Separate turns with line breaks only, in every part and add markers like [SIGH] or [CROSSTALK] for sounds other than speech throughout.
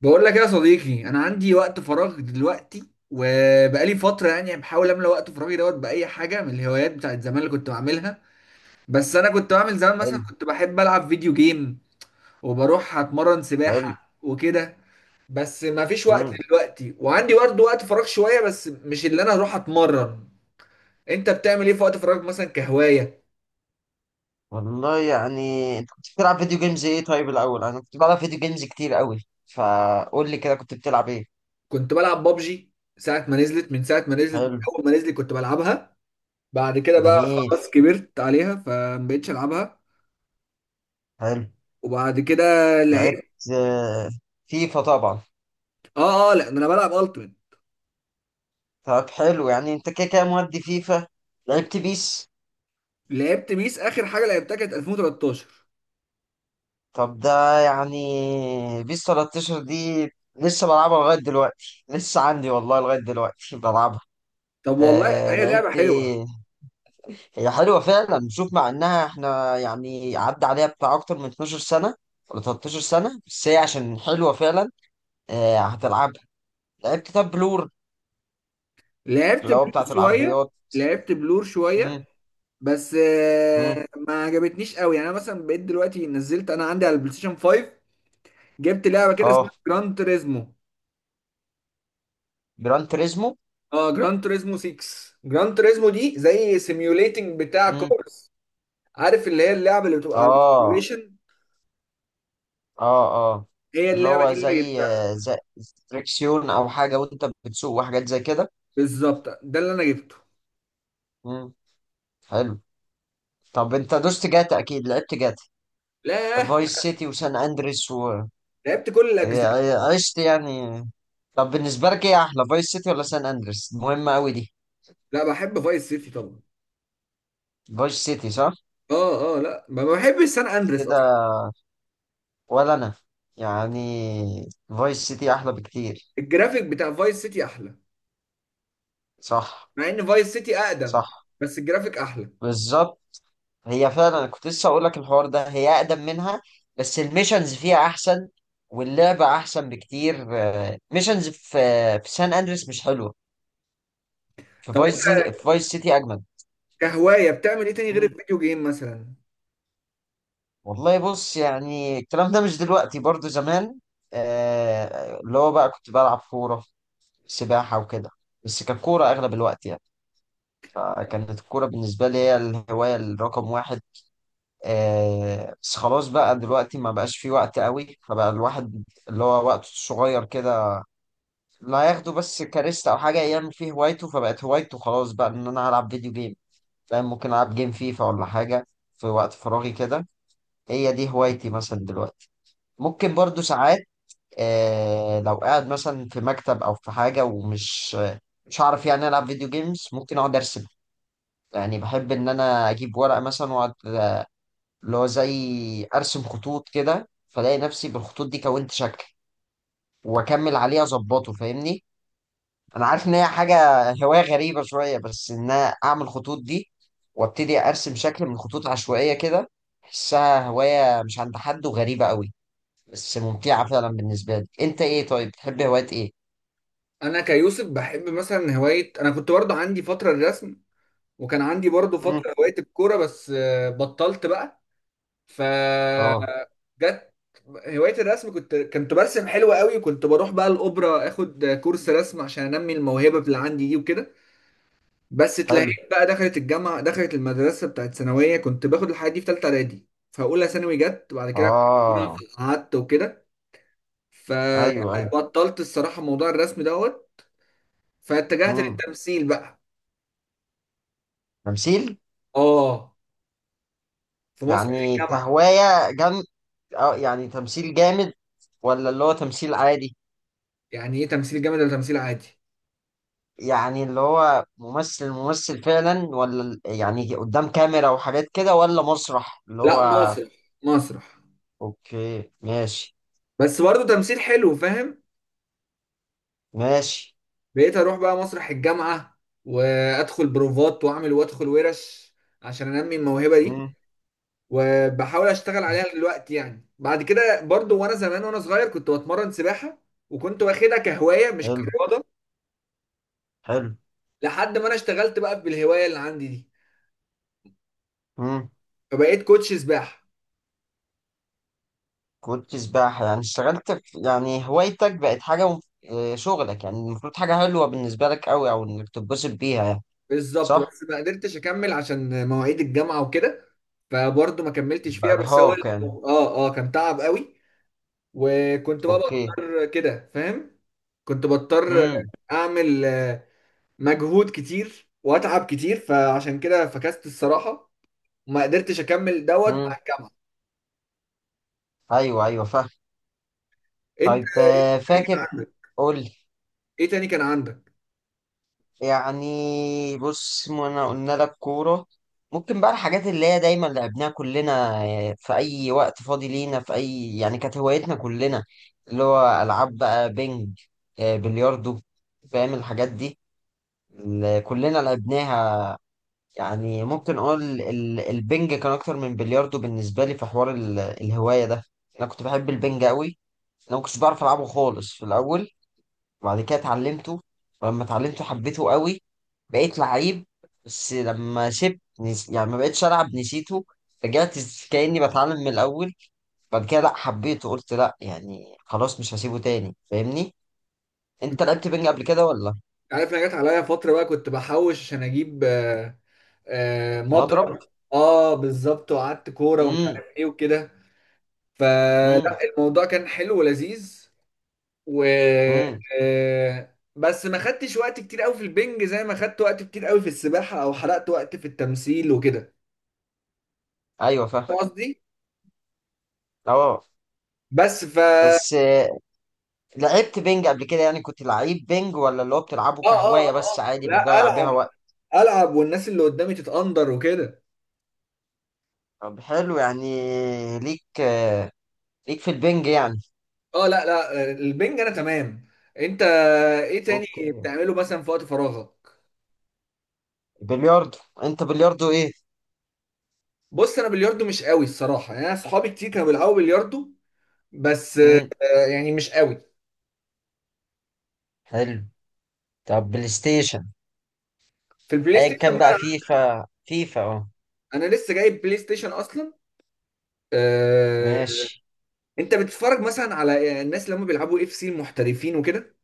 بقول لك يا صديقي، انا عندي وقت فراغ دلوقتي وبقالي فتره. يعني بحاول املى وقت فراغي دوت باي حاجه من الهوايات بتاعت زمان اللي كنت بعملها. بس انا كنت بعمل زمان، مثلا
حلو.
كنت بحب العب فيديو جيم وبروح اتمرن
حلو.
سباحه وكده. بس ما فيش وقت
امم
دلوقتي، وعندي برضه وقت فراغ شويه بس مش اللي انا اروح اتمرن. انت بتعمل ايه في وقت فراغك مثلا كهوايه؟
والله يعني انت كنت بتلعب فيديو جيمز ايه؟ طيب الاول انا كنت بلعب فيديو جيمز كتير قوي، فقول لي كده كنت بتلعب ايه؟
كنت بلعب بابجي. ساعه ما نزلت من ساعه ما نزلت من
حلو.
اول ما نزلت كنت بلعبها. بعد كده بقى
جميل.
خلاص كبرت عليها فمبقتش العبها.
حلو.
وبعد كده
لعبت
لعبت.
آه، فيفا طبعا.
اه لا، ده انا بلعب التيمت.
طب حلو، يعني انت كده كده مودي فيفا. لعبت بيس.
لعبت بيس، اخر حاجه لعبتها كانت 2013.
طب ده يعني بيس 13 دي لسه بلعبها لغاية دلوقتي، لسه عندي والله لغاية دلوقتي بلعبها.
طب والله
آه،
هي لعبه
لعبت
حلوه.
ايه؟ هي حلوة فعلا، نشوف مع انها احنا يعني عدى عليها بتاع اكتر من 12 سنة ولا 13 سنة، بس هي عشان حلوة فعلا. آه، هتلعبها. لعبت كتاب بلور،
لعبت
اللي هو
بلور
بتاعت
شويه.
العربيات.
لعبت بلور شويه.
امم.
بس
امم
ما عجبتنيش قوي. يعني انا مثلا بقيت دلوقتي، نزلت انا عندي على البلاي ستيشن 5، جبت لعبه كده اسمها
اه
جران تريزمو.
جران تريزمو.
اه، جران تريزمو 6. جران تريزمو دي زي سيميوليتنج بتاع
امم.
كورس، عارف اللي هي اللعبه اللي بتبقى على
اه،
السيميوليشن.
اه، اه،
هي
اللي
اللعبه دي
هو
اللي انا
زي آه،
جبتها.
زي تريكسيون او حاجة، وانت بتسوق وحاجات زي كده.
بالظبط ده اللي انا جبته.
امم. حلو. طب انت دوست جاتا؟ اكيد لعبت جاتا،
لا،
فايس سيتي وسان اندريس و...
لعبت كل الاجزاء.
عشت يعني. طب بالنسبة لك ايه احلى، فايس سيتي ولا سان اندريس؟ مهمة قوي دي.
لا، بحب فايس سيتي طبعا.
فايس سيتي صح.
اه لا، ما بحبش سان اندريس اصلا.
كده. ولا انا يعني فايس سيتي احلى بكتير.
الجرافيك بتاع فايس سيتي احلى،
صح.
مع ان فايس سيتي اقدم
صح.
بس الجرافيك احلى.
بالظبط. هي فعلا أنا كنت لسه اقول لك الحوار ده، هي اقدم منها بس الميشنز فيها احسن، واللعبة احسن بكتير. ميشنز في سان اندريس مش حلوة،
طب انت
في فايس سيتي اجمد.
كهوايه بتعمل ايه تاني غير الفيديو جيم مثلا؟
والله بص، يعني الكلام ده مش دلوقتي برضو، زمان. اللي هو بقى كنت بلعب كورة، سباحة وكده، بس كانت كورة أغلب الوقت يعني. فكانت الكورة بالنسبة لي هي الهواية الرقم واحد. بس خلاص بقى دلوقتي ما بقاش في وقت قوي، فبقى الواحد اللي هو وقته الصغير كده، لا هياخده بس كاريستا أو حاجة يعمل فيه هوايته. فبقت هوايته خلاص بقى إن أنا هلعب فيديو جيم، فاهم؟ ممكن ألعب جيم فيفا ولا حاجة في وقت فراغي كده. هي دي هوايتي مثلا دلوقتي. ممكن برضو ساعات، لو قاعد مثلا في مكتب او في حاجه، ومش مش هعرف يعني العب فيديو جيمز، ممكن اقعد ارسم. يعني بحب ان انا اجيب ورقه مثلا واقعد، اللي هو زي ارسم خطوط كده، فلاقي نفسي بالخطوط دي كونت شكل، واكمل عليه اظبطه، فاهمني؟ انا عارف ان هي حاجه [LAUGHS] هوايه غريبه شويه، بس ان انا اعمل خطوط دي وابتدي ارسم شكل من خطوط عشوائيه كده، احسها هوايه مش عند حد وغريبه قوي، بس ممتعه فعلا بالنسبه لي. انت ايه طيب؟ بتحب هوايات ايه؟
انا كيوسف، بحب مثلا هوايه. انا كنت برضه عندي فتره الرسم، وكان عندي برضه
مم.
فتره هوايه الكوره. بس بطلت بقى. فجت
اه.
هوايه الرسم، كنت برسم حلو قوي، وكنت بروح بقى الاوبرا اخد كورس رسم عشان انمي الموهبه اللي عندي دي وكده. بس
حلو.
تلاقيك بقى دخلت الجامعه، دخلت المدرسه بتاعت ثانويه. كنت باخد الحاجات دي في ثالثه اعدادي، فاولى ثانوي جت وبعد كده
اه،
قعدت وكده.
ايوه، ايوه.
فبطلت الصراحه موضوع الرسم دوت. فاتجهت
امم
للتمثيل بقى.
تمثيل.
اه، في مسرح
يعني
الجامعه.
كهواية جن؟ اه، يعني تمثيل جامد ولا اللي هو تمثيل عادي؟
يعني ايه تمثيل جامد ولا تمثيل عادي؟
يعني اللي هو ممثل ممثل فعلا، ولا يعني قدام كاميرا وحاجات كده، ولا مسرح اللي هو؟
لا مسرح، مسرح.
اوكي، ماشي.
بس برضه تمثيل حلو، فاهم.
ماشي.
بقيت اروح بقى مسرح الجامعه وادخل بروفات واعمل وادخل ورش عشان انمي الموهبه دي.
امم.
وبحاول اشتغل عليها دلوقتي. يعني بعد كده برضو، وانا زمان وانا صغير كنت بتمرن سباحة، وكنت واخدها كهواية مش
حلو.
كرياضة،
حلو.
لحد ما انا اشتغلت بقى بالهواية اللي عندي دي
امم.
فبقيت كوتش سباحة.
كنت سباحة؟ يعني اشتغلت في يعني هوايتك بقت حاجة شغلك، يعني المفروض حاجة حلوة بالنسبة لك قوي، او انك تتبسط بيها يعني.
بالظبط،
صح؟
بس ما قدرتش اكمل عشان مواعيد الجامعة وكده. فبرضو ما كملتش
يبقى
فيها. بس هو
إرهاق يعني.
اه كان تعب قوي، وكنت بقى
أوكي.
بضطر كده، فاهم. كنت بضطر
مم.
اعمل مجهود كتير واتعب كتير، فعشان كده فكست الصراحة وما قدرتش اكمل دوت
مم.
مع الجامعه.
أيوه، أيوه، فاهم.
انت
طيب
ايه تاني
فاكر،
كان عندك؟
قول لي.
ايه تاني كان عندك؟
يعني بص، ما أنا قلنا لك كورة. ممكن بقى الحاجات اللي هي دايما لعبناها كلنا، في أي وقت فاضي لينا، في أي يعني، كانت هوايتنا كلنا اللي هو ألعاب بقى، بينج، بلياردو، فاهم الحاجات دي اللي كلنا لعبناها. يعني ممكن أقول البينج كان أكتر من بلياردو بالنسبة لي في حوار الهواية ده. أنا كنت بحب البنج أوي. انا ما كنتش بعرف العبه خالص في الاول، وبعد كده اتعلمته، ولما اتعلمته حبيته قوي، بقيت لعيب. بس لما سبت يعني ما بقتش العب نسيته، رجعت كاني بتعلم من الاول. بعد كده لا حبيته، قلت لا يعني خلاص مش هسيبه تاني، فاهمني؟ انت لعبت بينج قبل كده ولا؟
عارف، انا جت عليا فتره بقى كنت بحوش عشان اجيب
مضرب.
مضرب. اه بالظبط، وقعدت كوره ومش
امم.
عارف ايه وكده. فلا،
امم.
الموضوع كان حلو ولذيذ. و
امم.
بس ما خدتش وقت كتير قوي في البنج زي ما خدت وقت كتير قوي في السباحه، او حرقت وقت في التمثيل وكده،
ايوه، فاهم.
فاهم قصدي.
اه.
بس ف اه
بس لعبت بينج قبل كده؟ يعني كنت لعيب بينج، ولا اللي هو بتلعبه
اه اه
كهواية بس
آه.
عادي
لا،
بتضيع بيها
العب.
وقت؟
العب والناس اللي قدامي تتقندر وكده.
طب حلو يعني، ليك ليك في البنج يعني.
اه لا لا، البنج انا تمام. انت ايه تاني
اوكي.
بتعمله مثلا في وقت فراغك؟
بلياردو. انت بلياردو ايه؟
بص انا بلياردو مش قوي الصراحه. يعني انا اصحابي كتير كانوا بيلعبوا بلياردو، بس
امم.
يعني مش قوي.
حلو. طب بلاي ستيشن،
في البلاي
ايا
ستيشن
كان بقى،
بقى،
فيفا، فيفا، اه.
انا لسه جايب بلاي ستيشن اصلا. آه،
ماشي.
انت بتتفرج مثلا على الناس اللي هم بيلعبوا اف سي المحترفين وكده؟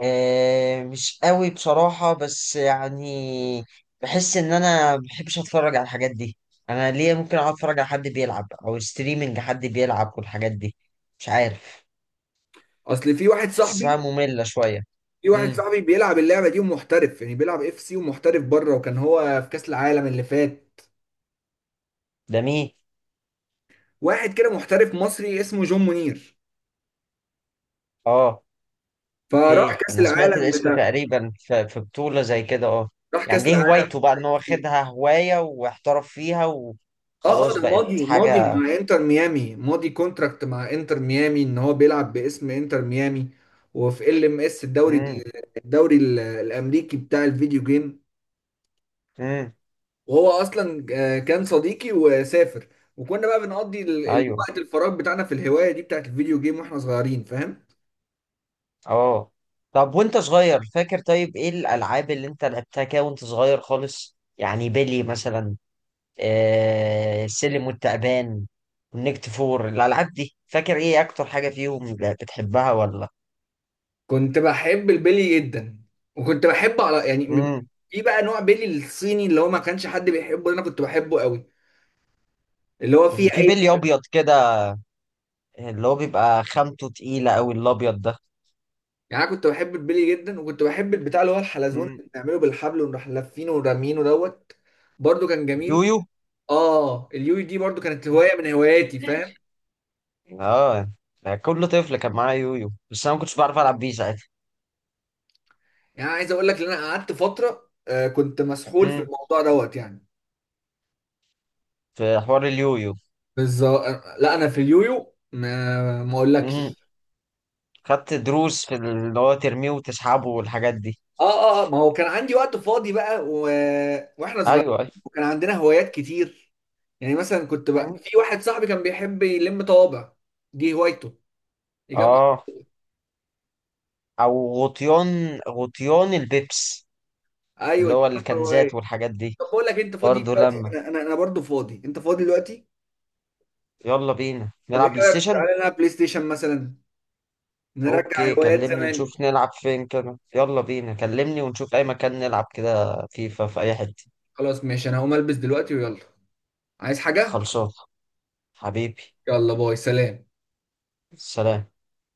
آه مش قوي بصراحة، بس يعني بحس ان انا بحبش اتفرج على الحاجات دي. انا ليه ممكن اقعد اتفرج على حد بيلعب او ستريمنج حد بيلعب والحاجات دي؟ مش عارف،
اصل في واحد صاحبي
بحسها مملة شوية.
في واحد
امم.
صاحبي بيلعب اللعبه دي ومحترف، يعني بيلعب اف سي ومحترف بره، وكان هو في كاس العالم اللي فات.
ده مين؟
واحد كده محترف مصري اسمه جون منير،
اه.
فراح
اوكي،
كاس
انا سمعت
العالم
الاسم
بتاع،
تقريبا في بطولة زي كده، اه.
راح
يعني
كاس
دي
العالم.
هوايته بقى، ان هو
كتير.
خدها هواية واحترف فيها
اه
وخلاص
ده
بقت
ماضي، ماضي
حاجة.
مع انتر ميامي، ماضي كونتراكت مع انتر ميامي، ان هو بيلعب باسم انتر ميامي، وفي ال ام اس الدوري،
امم.
الامريكي بتاع الفيديو جيم.
امم.
وهو اصلا كان صديقي وسافر، وكنا بقى بنقضي
ايوه.
الوقت الفراغ بتاعنا في الهواية دي بتاعت الفيديو جيم واحنا صغيرين، فاهم.
اه. طب وانت صغير فاكر؟ طيب ايه الالعاب اللي انت لعبتها كده وانت صغير خالص يعني، بيلي مثلا، السلم والتعبان، ونكت فور، الالعاب دي فاكر ايه اكتر حاجة فيهم بتحبها ولا؟
كنت بحب البيلي جدا، وكنت بحب على يعني،
امم.
في بقى نوع بيلي الصيني اللي هو ما كانش حد بيحبه، انا كنت بحبه قوي، اللي هو فيه
في
عين.
بيلي ابيض كده، اللي هو بيبقى خامته تقيلة أوي الأبيض ده.
يعني انا كنت بحب البلي جدا، وكنت بحب البتاع اللي هو الحلزون
مم.
اللي بنعمله بالحبل ونروح لافينه ورامينه دوت، برضو كان جميل.
يويو.
اه، اليوي دي برضو كانت هوايه من هواياتي، فاهم.
اه، كل طفل كان معاه يويو، بس انا ما كنتش بعرف العب بيه ساعتها.
يعني عايز اقول لك ان انا قعدت فتره آه كنت مسحول في
مم.
الموضوع دوت. يعني
في حوار اليويو.
بالظبط. لا انا في اليويو، ما
مم.
اقولكش.
خدت دروس في اللي هو ترميه وتسحبه والحاجات دي.
اه ما هو كان عندي وقت فاضي بقى واحنا صغيرين،
ايوه، ايوه.
وكان عندنا هوايات كتير. يعني مثلا كنت بقى،
مم.
في واحد صاحبي كان بيحب يلم طوابع، دي هوايته، يجمع.
اه. او غطيان، غطيان البيبس،
ايوه
اللي
دي
هو
برضه
الكنزات
هوايه.
والحاجات دي.
طب بقول لك انت فاضي
برضه
دلوقتي؟
لما،
انا انا برضه فاضي. انت فاضي دلوقتي؟
يلا بينا
طب ايه
نلعب بلاي
رايك
ستيشن.
تعالى نلعب بلاي ستيشن مثلا، نرجع
اوكي،
هوايات
كلمني
زمان.
نشوف نلعب فين كده، يلا بينا، كلمني ونشوف اي مكان نلعب كده فيفا في اي حته.
خلاص ماشي، انا هقوم البس دلوقتي ويلا. عايز حاجه؟
خلصان حبيبي.
يلا، باي، سلام.
سلام.